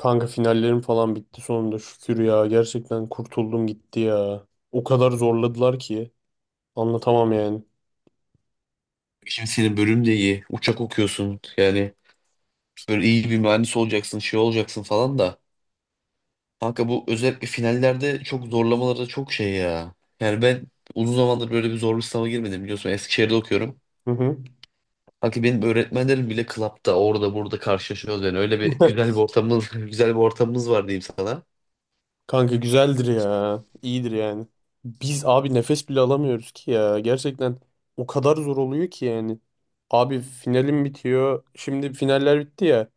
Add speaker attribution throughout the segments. Speaker 1: Kanka finallerim falan bitti sonunda şükür ya. Gerçekten kurtuldum gitti ya. O kadar zorladılar ki anlatamam yani.
Speaker 2: Şimdi senin bölüm de iyi. Uçak okuyorsun. Yani böyle iyi bir mühendis olacaksın, şey olacaksın falan da. Kanka bu özellikle finallerde çok zorlamaları çok şey ya. Yani ben uzun zamandır böyle bir zorlu sınava girmedim biliyorsun. Eskişehir'de okuyorum.
Speaker 1: Hı hı.
Speaker 2: Kanka benim öğretmenlerim bile klapta orada burada karşılaşıyoruz yani. Öyle bir güzel bir ortamımız, güzel bir ortamımız var diyeyim sana.
Speaker 1: Kanka güzeldir ya. İyidir yani. Biz abi nefes bile alamıyoruz ki ya. Gerçekten o kadar zor oluyor ki yani. Abi finalim bitiyor. Şimdi finaller bitti ya.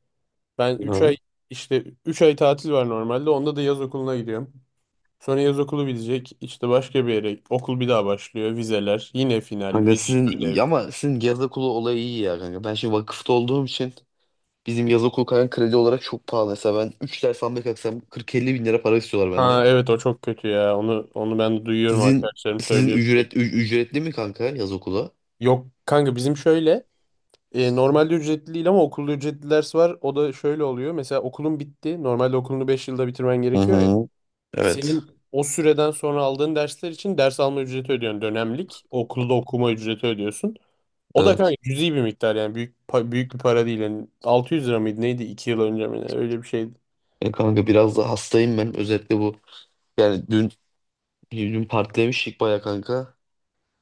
Speaker 1: Ben 3
Speaker 2: Hı.
Speaker 1: ay işte 3 ay tatil var normalde. Onda da yaz okuluna gidiyorum. Sonra yaz okulu bitecek. İşte başka bir yere okul bir daha başlıyor. Vizeler, yine final,
Speaker 2: Kanka
Speaker 1: vize,
Speaker 2: sizin
Speaker 1: ödev.
Speaker 2: ama sizin yaz okulu olayı iyi ya kanka. Ben şimdi vakıfta olduğum için bizim yaz okulu kanka kredi olarak çok pahalı. Mesela ben 3 ders almaya kalksam 40-50 bin lira para istiyorlar
Speaker 1: Ha
Speaker 2: benden.
Speaker 1: evet o çok kötü ya. Onu ben duyuyorum
Speaker 2: Sizin
Speaker 1: arkadaşlarım
Speaker 2: sizin
Speaker 1: söylüyor sürekli.
Speaker 2: ücretli mi kanka yaz okula?
Speaker 1: Yok kanka bizim şöyle normalde ücretli değil ama okulda ücretli ders var. O da şöyle oluyor. Mesela okulun bitti. Normalde okulunu 5 yılda bitirmen
Speaker 2: Hı
Speaker 1: gerekiyor ya.
Speaker 2: hı. Evet.
Speaker 1: Senin o süreden sonra aldığın dersler için ders alma ücreti ödüyorsun. Dönemlik okulda okuma ücreti ödüyorsun. O da kanka
Speaker 2: Evet.
Speaker 1: cüzi bir miktar yani büyük bir para değil. Yani 600 lira mıydı neydi 2 yıl önce mi ne? Öyle bir şeydi.
Speaker 2: E kanka biraz da hastayım ben. Özellikle bu yani dün partilemiştik baya kanka.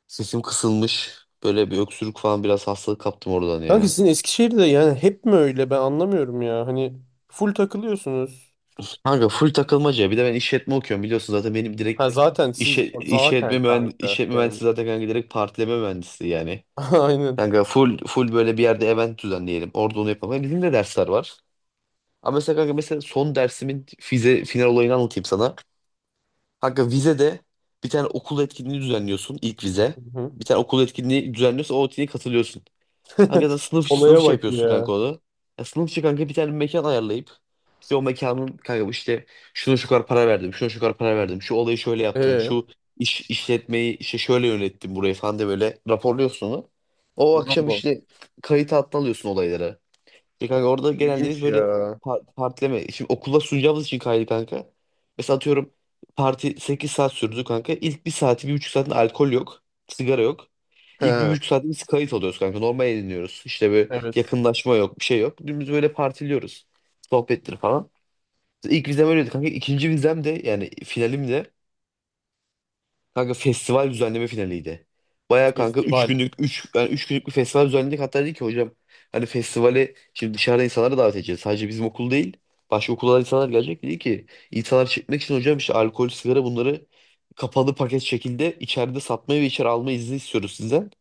Speaker 2: Sesim kısılmış. Böyle bir öksürük falan biraz hastalık kaptım oradan
Speaker 1: Kanka
Speaker 2: ya.
Speaker 1: sizin Eskişehir'de yani hep mi öyle ben anlamıyorum ya. Hani full takılıyorsunuz.
Speaker 2: Kanka full takılmaca. Bir de ben işletme okuyorum biliyorsun zaten benim
Speaker 1: Ha
Speaker 2: direkt
Speaker 1: zaten siz zaten
Speaker 2: işletme mühendisi,
Speaker 1: kanka
Speaker 2: işletme
Speaker 1: yani.
Speaker 2: mühendisi zaten kanka direkt partileme mühendisi yani.
Speaker 1: Aynen.
Speaker 2: Kanka full böyle bir yerde event düzenleyelim. Orada onu yapalım. Bizim de dersler var. Ama mesela kanka mesela son dersimin vize final olayını anlatayım sana. Kanka vizede bir tane okul etkinliği düzenliyorsun ilk
Speaker 1: Hı
Speaker 2: vize.
Speaker 1: hı.
Speaker 2: Bir tane okul etkinliği düzenliyorsun o etkinliğe katılıyorsun. Kanka sen sınıf
Speaker 1: Olaya
Speaker 2: işi
Speaker 1: bak
Speaker 2: yapıyorsun
Speaker 1: ya.
Speaker 2: kanka onu. Ya sınıf işi kanka bir tane mekan ayarlayıp işte o mekanın kanka bu işte şuna şu kadar para verdim, şuna şu kadar para verdim, şu olayı şöyle yaptım,
Speaker 1: Ee,
Speaker 2: şu işletmeyi işte şöyle yönettim burayı falan diye böyle raporluyorsun onu. O akşam
Speaker 1: İnanma.
Speaker 2: işte kayıt altına alıyorsun olayları. Ya kanka orada genelde biz
Speaker 1: İlginç
Speaker 2: böyle
Speaker 1: ya.
Speaker 2: partileme. Şimdi okula sunacağımız için kaydı kanka. Mesela atıyorum parti 8 saat sürdü kanka. İlk bir saati, bir buçuk saatinde alkol yok. Sigara yok. İlk bir
Speaker 1: He.
Speaker 2: buçuk saatte biz kayıt alıyoruz kanka. Normal eğleniyoruz. İşte böyle
Speaker 1: Evet.
Speaker 2: yakınlaşma yok, bir şey yok. Dümdüz böyle partiliyoruz. Sohbettir falan. İlk vizem öyleydi kanka. İkinci vizem de yani finalim de kanka festival düzenleme finaliydi. Baya kanka 3
Speaker 1: Festival.
Speaker 2: günlük 3 yani üç günlük bir festival düzenledik. Hatta dedi ki hocam hani festivale şimdi dışarıda insanları davet edeceğiz. Sadece bizim okul değil. Başka okullardan insanlar gelecek. Dedi ki insanlar çekmek için hocam işte alkol, sigara bunları kapalı paket şekilde içeride satmayı ve içeri alma izni istiyoruz sizden.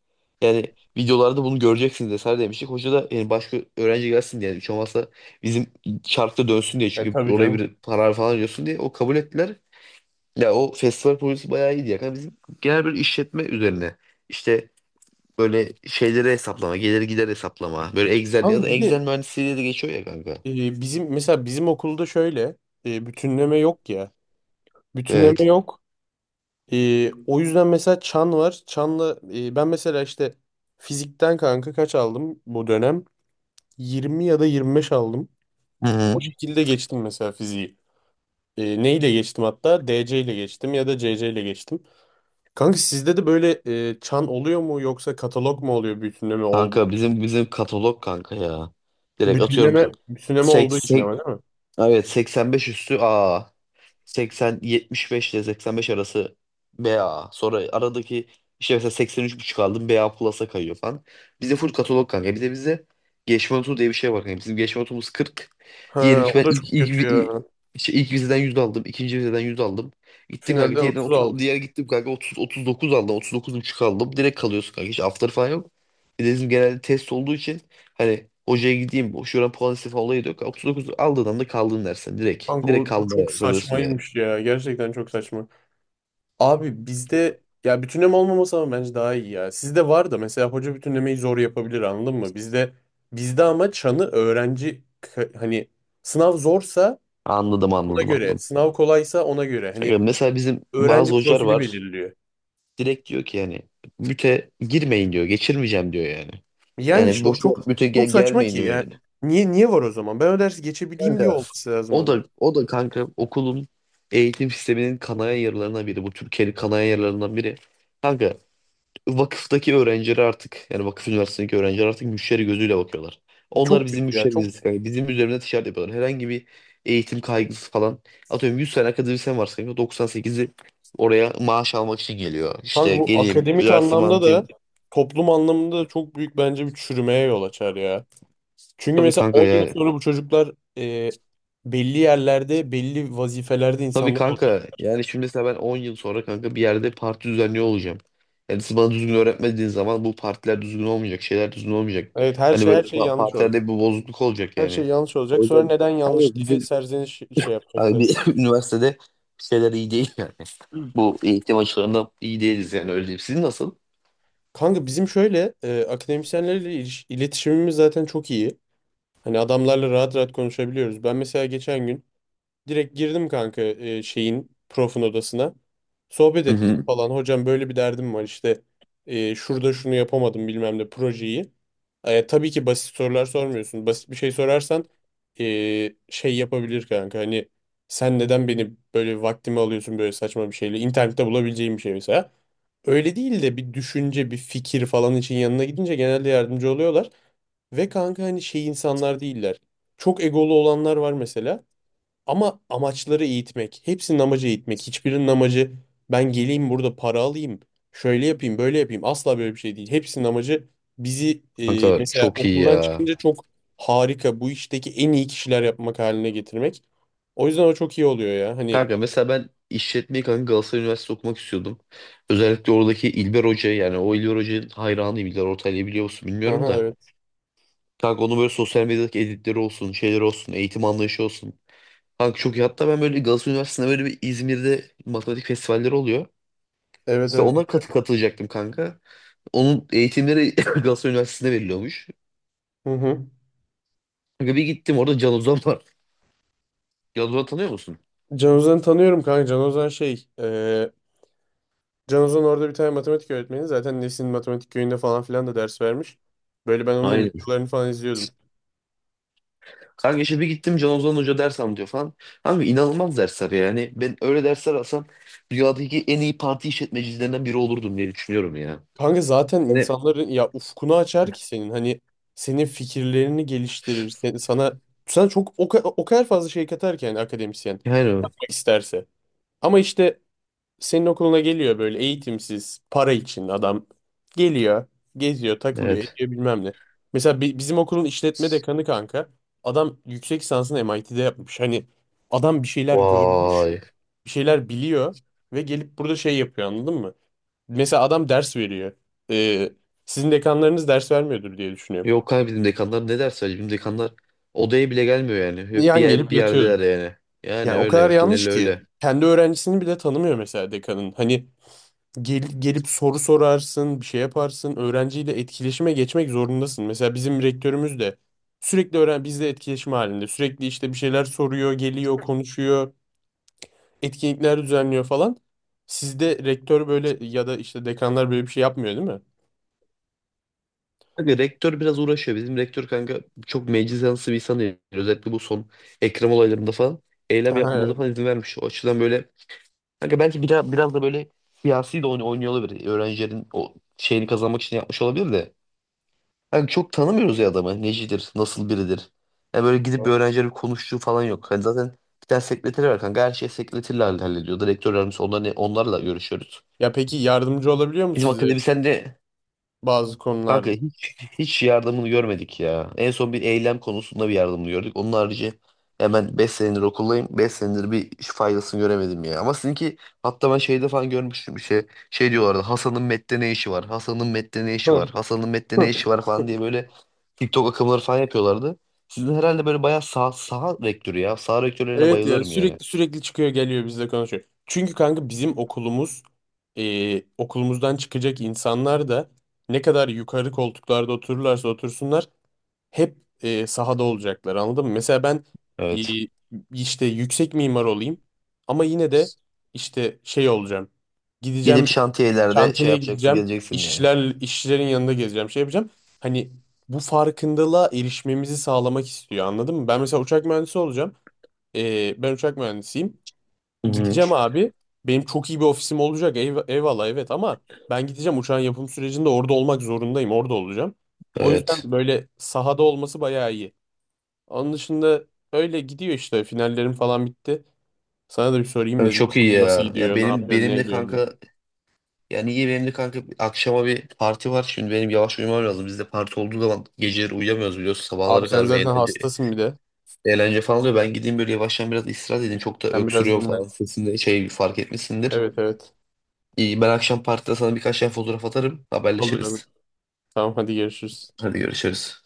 Speaker 2: Yani videolarda bunu göreceksiniz vesaire demiştik. Hoca da yani başka öğrenci gelsin diye. Yani hiç olmazsa bizim çarkta dönsün diye.
Speaker 1: E
Speaker 2: Çünkü
Speaker 1: tabii
Speaker 2: oraya
Speaker 1: canım.
Speaker 2: bir karar falan diyorsun diye. O kabul ettiler. Ya o festival projesi bayağı iyiydi ya. Kanka bizim genel bir işletme üzerine. İşte böyle şeyleri hesaplama, gelir gider hesaplama. Böyle Excel ya
Speaker 1: Kanka
Speaker 2: da
Speaker 1: bir de
Speaker 2: Excel mühendisliği diye de geçiyor ya kanka.
Speaker 1: bizim mesela bizim okulda şöyle bütünleme yok ya. Bütünleme
Speaker 2: Evet.
Speaker 1: yok. O yüzden mesela çan var. Çanla ben mesela işte fizikten kanka kaç aldım bu dönem? 20 ya da 25 aldım.
Speaker 2: Hı
Speaker 1: O
Speaker 2: hı.
Speaker 1: şekilde geçtim mesela fiziği. E, neyle geçtim hatta? DC ile geçtim ya da CC ile geçtim. Kanka sizde de böyle çan oluyor mu yoksa katalog mu oluyor bütünleme oldu?
Speaker 2: Kanka bizim katalog kanka ya. Direkt atıyorum
Speaker 1: Bütünleme
Speaker 2: sek,
Speaker 1: olduğu için ama
Speaker 2: sek,
Speaker 1: değil mi?
Speaker 2: evet 85 üstü A. 80-75 ile 85 arası BA. Sonra aradaki işte mesela seksen üç buçuk aldım BA Plus'a kayıyor falan. Bizde full katalog kanka. Bir de bizde geçme notu diye bir şey var kanka. Bizim geçme notumuz 40. Diyelim
Speaker 1: Ha,
Speaker 2: ki
Speaker 1: o
Speaker 2: ben
Speaker 1: da çok kötü ya.
Speaker 2: işte ilk vizeden 100 aldım. İkinci vizeden 100 aldım. Gittim kanka
Speaker 1: Finalden
Speaker 2: diğerden
Speaker 1: 30
Speaker 2: 30,
Speaker 1: aldım.
Speaker 2: diğer gittim kanka 30, 39 aldım. 39,5 aldım. Direkt kalıyorsun kanka. Hiç after falan yok. Bir de bizim genelde test olduğu için hani hocaya gideyim şuradan puan istifa olayı da yok. 39 aldığın anda kaldın dersen direkt.
Speaker 1: Kanka o,
Speaker 2: Direkt
Speaker 1: o çok
Speaker 2: kalmaya kalıyorsun yani.
Speaker 1: saçmaymış ya. Gerçekten çok saçma. Abi bizde ya bütünleme olmaması ama bence daha iyi ya. Sizde var da mesela hoca bütünlemeyi zor yapabilir anladın mı? Bizde ama çanı hani sınav zorsa
Speaker 2: Anladım
Speaker 1: ona
Speaker 2: anladım
Speaker 1: göre,
Speaker 2: anladım.
Speaker 1: sınav kolaysa ona göre. Hani
Speaker 2: Ya mesela bizim
Speaker 1: öğrenci
Speaker 2: bazı hocalar
Speaker 1: profili
Speaker 2: var.
Speaker 1: belirliyor.
Speaker 2: Direkt diyor ki yani müte girmeyin diyor. Geçirmeyeceğim diyor yani.
Speaker 1: Yani
Speaker 2: Yani
Speaker 1: işte o
Speaker 2: boşuna
Speaker 1: çok
Speaker 2: müte
Speaker 1: çok saçma
Speaker 2: gelmeyin
Speaker 1: ki
Speaker 2: diyor
Speaker 1: ya.
Speaker 2: yani.
Speaker 1: Niye var o zaman? Ben o dersi geçebileyim diye
Speaker 2: Kanka
Speaker 1: olması lazım
Speaker 2: o
Speaker 1: onun.
Speaker 2: da o da kanka okulun eğitim sisteminin kanayan yaralarından biri. Bu Türkiye'nin kanayan yaralarından biri. Kanka vakıftaki öğrenciler artık yani vakıf üniversitesindeki öğrenciler artık müşteri gözüyle bakıyorlar. Onlar
Speaker 1: Çok
Speaker 2: bizim
Speaker 1: kötü ya. Çok
Speaker 2: müşterimiz. Yani bizim üzerinde ticaret yapıyorlar. Herhangi bir eğitim kaygısı falan. Atıyorum 100 tane akademisyen varsa kanka, 98'i oraya maaş almak için geliyor.
Speaker 1: kanka
Speaker 2: İşte
Speaker 1: bu
Speaker 2: geleyim,
Speaker 1: akademik
Speaker 2: üniversite
Speaker 1: anlamda da
Speaker 2: mantığım.
Speaker 1: toplum anlamında da çok büyük bence bir çürümeye yol açar ya. Çünkü
Speaker 2: Tabii
Speaker 1: mesela
Speaker 2: kanka
Speaker 1: 10 yıl
Speaker 2: yani.
Speaker 1: sonra bu çocuklar e, belli yerlerde, belli vazifelerde
Speaker 2: Tabii
Speaker 1: insanlar olacak.
Speaker 2: kanka yani şimdi mesela ben 10 yıl sonra kanka bir yerde parti düzenliyor olacağım. Yani siz bana düzgün öğretmediğiniz zaman bu partiler düzgün olmayacak, şeyler düzgün olmayacak.
Speaker 1: Evet her
Speaker 2: Hani
Speaker 1: şey
Speaker 2: böyle
Speaker 1: her şey yanlış olacak.
Speaker 2: partilerde bir bozukluk olacak
Speaker 1: Her şey
Speaker 2: yani.
Speaker 1: yanlış
Speaker 2: O
Speaker 1: olacak. Sonra
Speaker 2: yüzden
Speaker 1: neden yanlış
Speaker 2: hayır,
Speaker 1: diye
Speaker 2: bizim
Speaker 1: serzeniş şey
Speaker 2: abi
Speaker 1: yapacaklar.
Speaker 2: bir üniversitede şeyler iyi değil yani. Bu eğitim açılarında iyi değiliz yani öyle diyeyim. Sizin nasıl?
Speaker 1: Kanka bizim şöyle iletişimimiz zaten çok iyi. Hani adamlarla rahat konuşabiliyoruz. Ben mesela geçen gün direkt girdim kanka e, şeyin profun odasına. Sohbet
Speaker 2: Hı
Speaker 1: ettim
Speaker 2: hı.
Speaker 1: falan. Hocam böyle bir derdim var işte şurada şunu yapamadım bilmem ne projeyi. E, tabii ki basit sorular sormuyorsun. Basit bir şey sorarsan şey yapabilir kanka. Hani sen neden beni böyle vaktimi alıyorsun böyle saçma bir şeyle? İnternette bulabileceğim bir şey mesela. Öyle değil de bir düşünce, bir fikir falan için yanına gidince genelde yardımcı oluyorlar. Ve kanka hani şey insanlar değiller. Çok egolu olanlar var mesela. Ama amaçları eğitmek. Hepsinin amacı eğitmek. Hiçbirinin amacı ben geleyim burada para alayım. Şöyle yapayım, böyle yapayım. Asla böyle bir şey değil. Hepsinin amacı bizi
Speaker 2: Kanka
Speaker 1: mesela
Speaker 2: çok iyi
Speaker 1: okuldan
Speaker 2: ya.
Speaker 1: çıkınca çok harika bu işteki en iyi kişiler yapmak haline getirmek. O yüzden o çok iyi oluyor ya. Hani
Speaker 2: Kanka mesela ben işletmeyi kanka Galatasaray Üniversitesi okumak istiyordum. Özellikle oradaki İlber Hoca yani o İlber Hoca'nın hayranıyım. İlber Ortaylı'yı biliyor musun bilmiyorum
Speaker 1: Aha,
Speaker 2: da.
Speaker 1: evet.
Speaker 2: Kanka onun böyle sosyal medyadaki editleri olsun, şeyleri olsun, eğitim anlayışı olsun. Kanka çok iyi. Hatta ben böyle Galatasaray Üniversitesi'nde böyle bir İzmir'de matematik festivalleri oluyor.
Speaker 1: Evet
Speaker 2: İşte
Speaker 1: evet.
Speaker 2: ona katılacaktım kanka. Onun eğitimleri Galatasaray Üniversitesi'nde veriliyormuş.
Speaker 1: Hı hı.
Speaker 2: Kanka bir gittim orada Can Ozan var. Can Ozan'ı tanıyor musun?
Speaker 1: Can Ozan'ı tanıyorum kanka. Can Ozan orada bir tane matematik öğretmeni. Zaten Nesin matematik köyünde falan filan da ders vermiş. Böyle ben onun
Speaker 2: Aynen.
Speaker 1: videolarını falan izliyordum.
Speaker 2: Kanka işte bir gittim Can Ozan Hoca ders anlatıyor falan. Kanka inanılmaz dersler yani. Ben öyle dersler alsam dünyadaki en iyi parti işletmecilerinden biri olurdum diye düşünüyorum ya.
Speaker 1: Kanka zaten
Speaker 2: Yani,
Speaker 1: insanların ya ufkunu açar ki senin. Hani senin fikirlerini geliştirir. Sen, sana sana çok o kadar fazla şey katar ki yani akademisyen
Speaker 2: yani
Speaker 1: isterse. Ama işte senin okuluna geliyor böyle eğitimsiz, para için adam geliyor, geziyor, takılıyor,
Speaker 2: evet.
Speaker 1: ediyor bilmem ne. Mesela bizim okulun işletme dekanı kanka, adam yüksek lisansını MIT'de yapmış. Hani adam bir şeyler görmüş,
Speaker 2: Vay.
Speaker 1: bir şeyler biliyor ve gelip burada şey yapıyor anladın mı? Mesela adam ders veriyor. Ee, Sizin dekanlarınız ders vermiyordur diye düşünüyorum.
Speaker 2: Yok kanka bizim dekanlar ne ders verecek? Bizim dekanlar odaya bile gelmiyor yani. Hep bir,
Speaker 1: Yan gelip
Speaker 2: bir
Speaker 1: yatıyordur.
Speaker 2: yerdeler yani. Yani
Speaker 1: Yani o
Speaker 2: öyle
Speaker 1: kadar
Speaker 2: evet
Speaker 1: yanlış
Speaker 2: genel
Speaker 1: ki.
Speaker 2: öyle.
Speaker 1: Kendi öğrencisini bile tanımıyor mesela dekanın. Hani gelip soru sorarsın, bir şey yaparsın. Öğrenciyle etkileşime geçmek zorundasın. Mesela bizim rektörümüz de sürekli öğren bizle etkileşim halinde. Sürekli işte bir şeyler soruyor, geliyor, konuşuyor, etkinlikler düzenliyor falan. Sizde rektör böyle ya da işte dekanlar böyle bir şey yapmıyor değil mi?
Speaker 2: Kanka rektör biraz uğraşıyor. Bizim rektör kanka çok meclis yanlısı bir insan değil. Özellikle bu son Ekrem olaylarında falan eylem
Speaker 1: Aha,
Speaker 2: yapmamıza falan
Speaker 1: evet.
Speaker 2: izin vermiş. O açıdan böyle kanka belki biraz da böyle siyasi de oynuyor olabilir. Öğrencilerin o şeyini kazanmak için yapmış olabilir de. Hani çok tanımıyoruz ya adamı. Necidir, nasıl biridir. Yani böyle gidip bir öğrencilerle bir konuştuğu falan yok. Hani zaten bir tane sekreteri var kanka. Her şey sekreterle hallediyor. Rektör yardımcısı onlarla görüşüyoruz.
Speaker 1: Ya peki yardımcı olabiliyor mu
Speaker 2: Bizim
Speaker 1: size
Speaker 2: akademisyen de
Speaker 1: bazı
Speaker 2: kanka
Speaker 1: konularda?
Speaker 2: hiç yardımını görmedik ya. En son bir eylem konusunda bir yardımını gördük. Onun harici hemen 5 senedir okuldayım. 5 senedir bir faydasını göremedim ya. Ama sizinki hatta ben şeyde falan görmüştüm bir şey. Şey diyorlardı Hasan'ın Met'te ne işi var? Hasan'ın Met'te ne işi var? Hasan'ın Met'te ne işi var falan diye böyle TikTok akımları falan yapıyorlardı. Sizin herhalde böyle bayağı saha rektörü ya. Saha rektörlerine
Speaker 1: Evet ya
Speaker 2: bayılıyorum yani.
Speaker 1: sürekli çıkıyor geliyor bizle konuşuyor. Çünkü kanka bizim okulumuz okulumuzdan çıkacak insanlar da ne kadar yukarı koltuklarda otururlarsa otursunlar hep sahada olacaklar anladın mı? Mesela ben e,
Speaker 2: Evet.
Speaker 1: işte yüksek mimar olayım ama yine de işte şey olacağım.
Speaker 2: Gidip
Speaker 1: Gideceğim
Speaker 2: şantiyelerde şey
Speaker 1: çantaya
Speaker 2: yapacaksın
Speaker 1: gideceğim
Speaker 2: geleceksin yani.
Speaker 1: işçilerin yanında gezeceğim şey yapacağım. Hani bu farkındalığa erişmemizi sağlamak istiyor anladın mı? Ben mesela uçak mühendisi olacağım. Ben uçak mühendisiyim.
Speaker 2: Hı hı.
Speaker 1: Gideceğim abi. Benim çok iyi bir ofisim olacak. Eyvallah evet ama ben gideceğim uçağın yapım sürecinde orada olmak zorundayım. Orada olacağım. O
Speaker 2: Evet.
Speaker 1: yüzden böyle sahada olması bayağı iyi. Onun dışında öyle gidiyor işte. Finallerim falan bitti. Sana da bir sorayım
Speaker 2: Evet,
Speaker 1: dedim.
Speaker 2: çok iyi
Speaker 1: Nasıl
Speaker 2: ya. Ya
Speaker 1: gidiyor? Ne
Speaker 2: benim
Speaker 1: yapıyorsun? Ne
Speaker 2: benim de
Speaker 1: ediyorsun? Diye.
Speaker 2: kanka yani iyi benim de kanka akşama bir parti var. Şimdi benim yavaş uyumam lazım. Bizde parti olduğu zaman geceleri uyuyamıyoruz biliyorsun.
Speaker 1: Abi
Speaker 2: Sabahlara
Speaker 1: sen
Speaker 2: kadar bir
Speaker 1: zaten
Speaker 2: eğlence,
Speaker 1: hastasın bir de.
Speaker 2: eğlence falan oluyor. Ben gideyim böyle yavaştan biraz istirahat edeyim. Çok da
Speaker 1: Sen biraz
Speaker 2: öksürüyorum
Speaker 1: dinlen.
Speaker 2: falan sesinde şey fark etmişsindir.
Speaker 1: Evet evet.
Speaker 2: İyi, ben akşam partide sana birkaç tane fotoğraf atarım.
Speaker 1: Olur abi.
Speaker 2: Haberleşiriz.
Speaker 1: Tamam hadi görüşürüz.
Speaker 2: Hadi görüşürüz.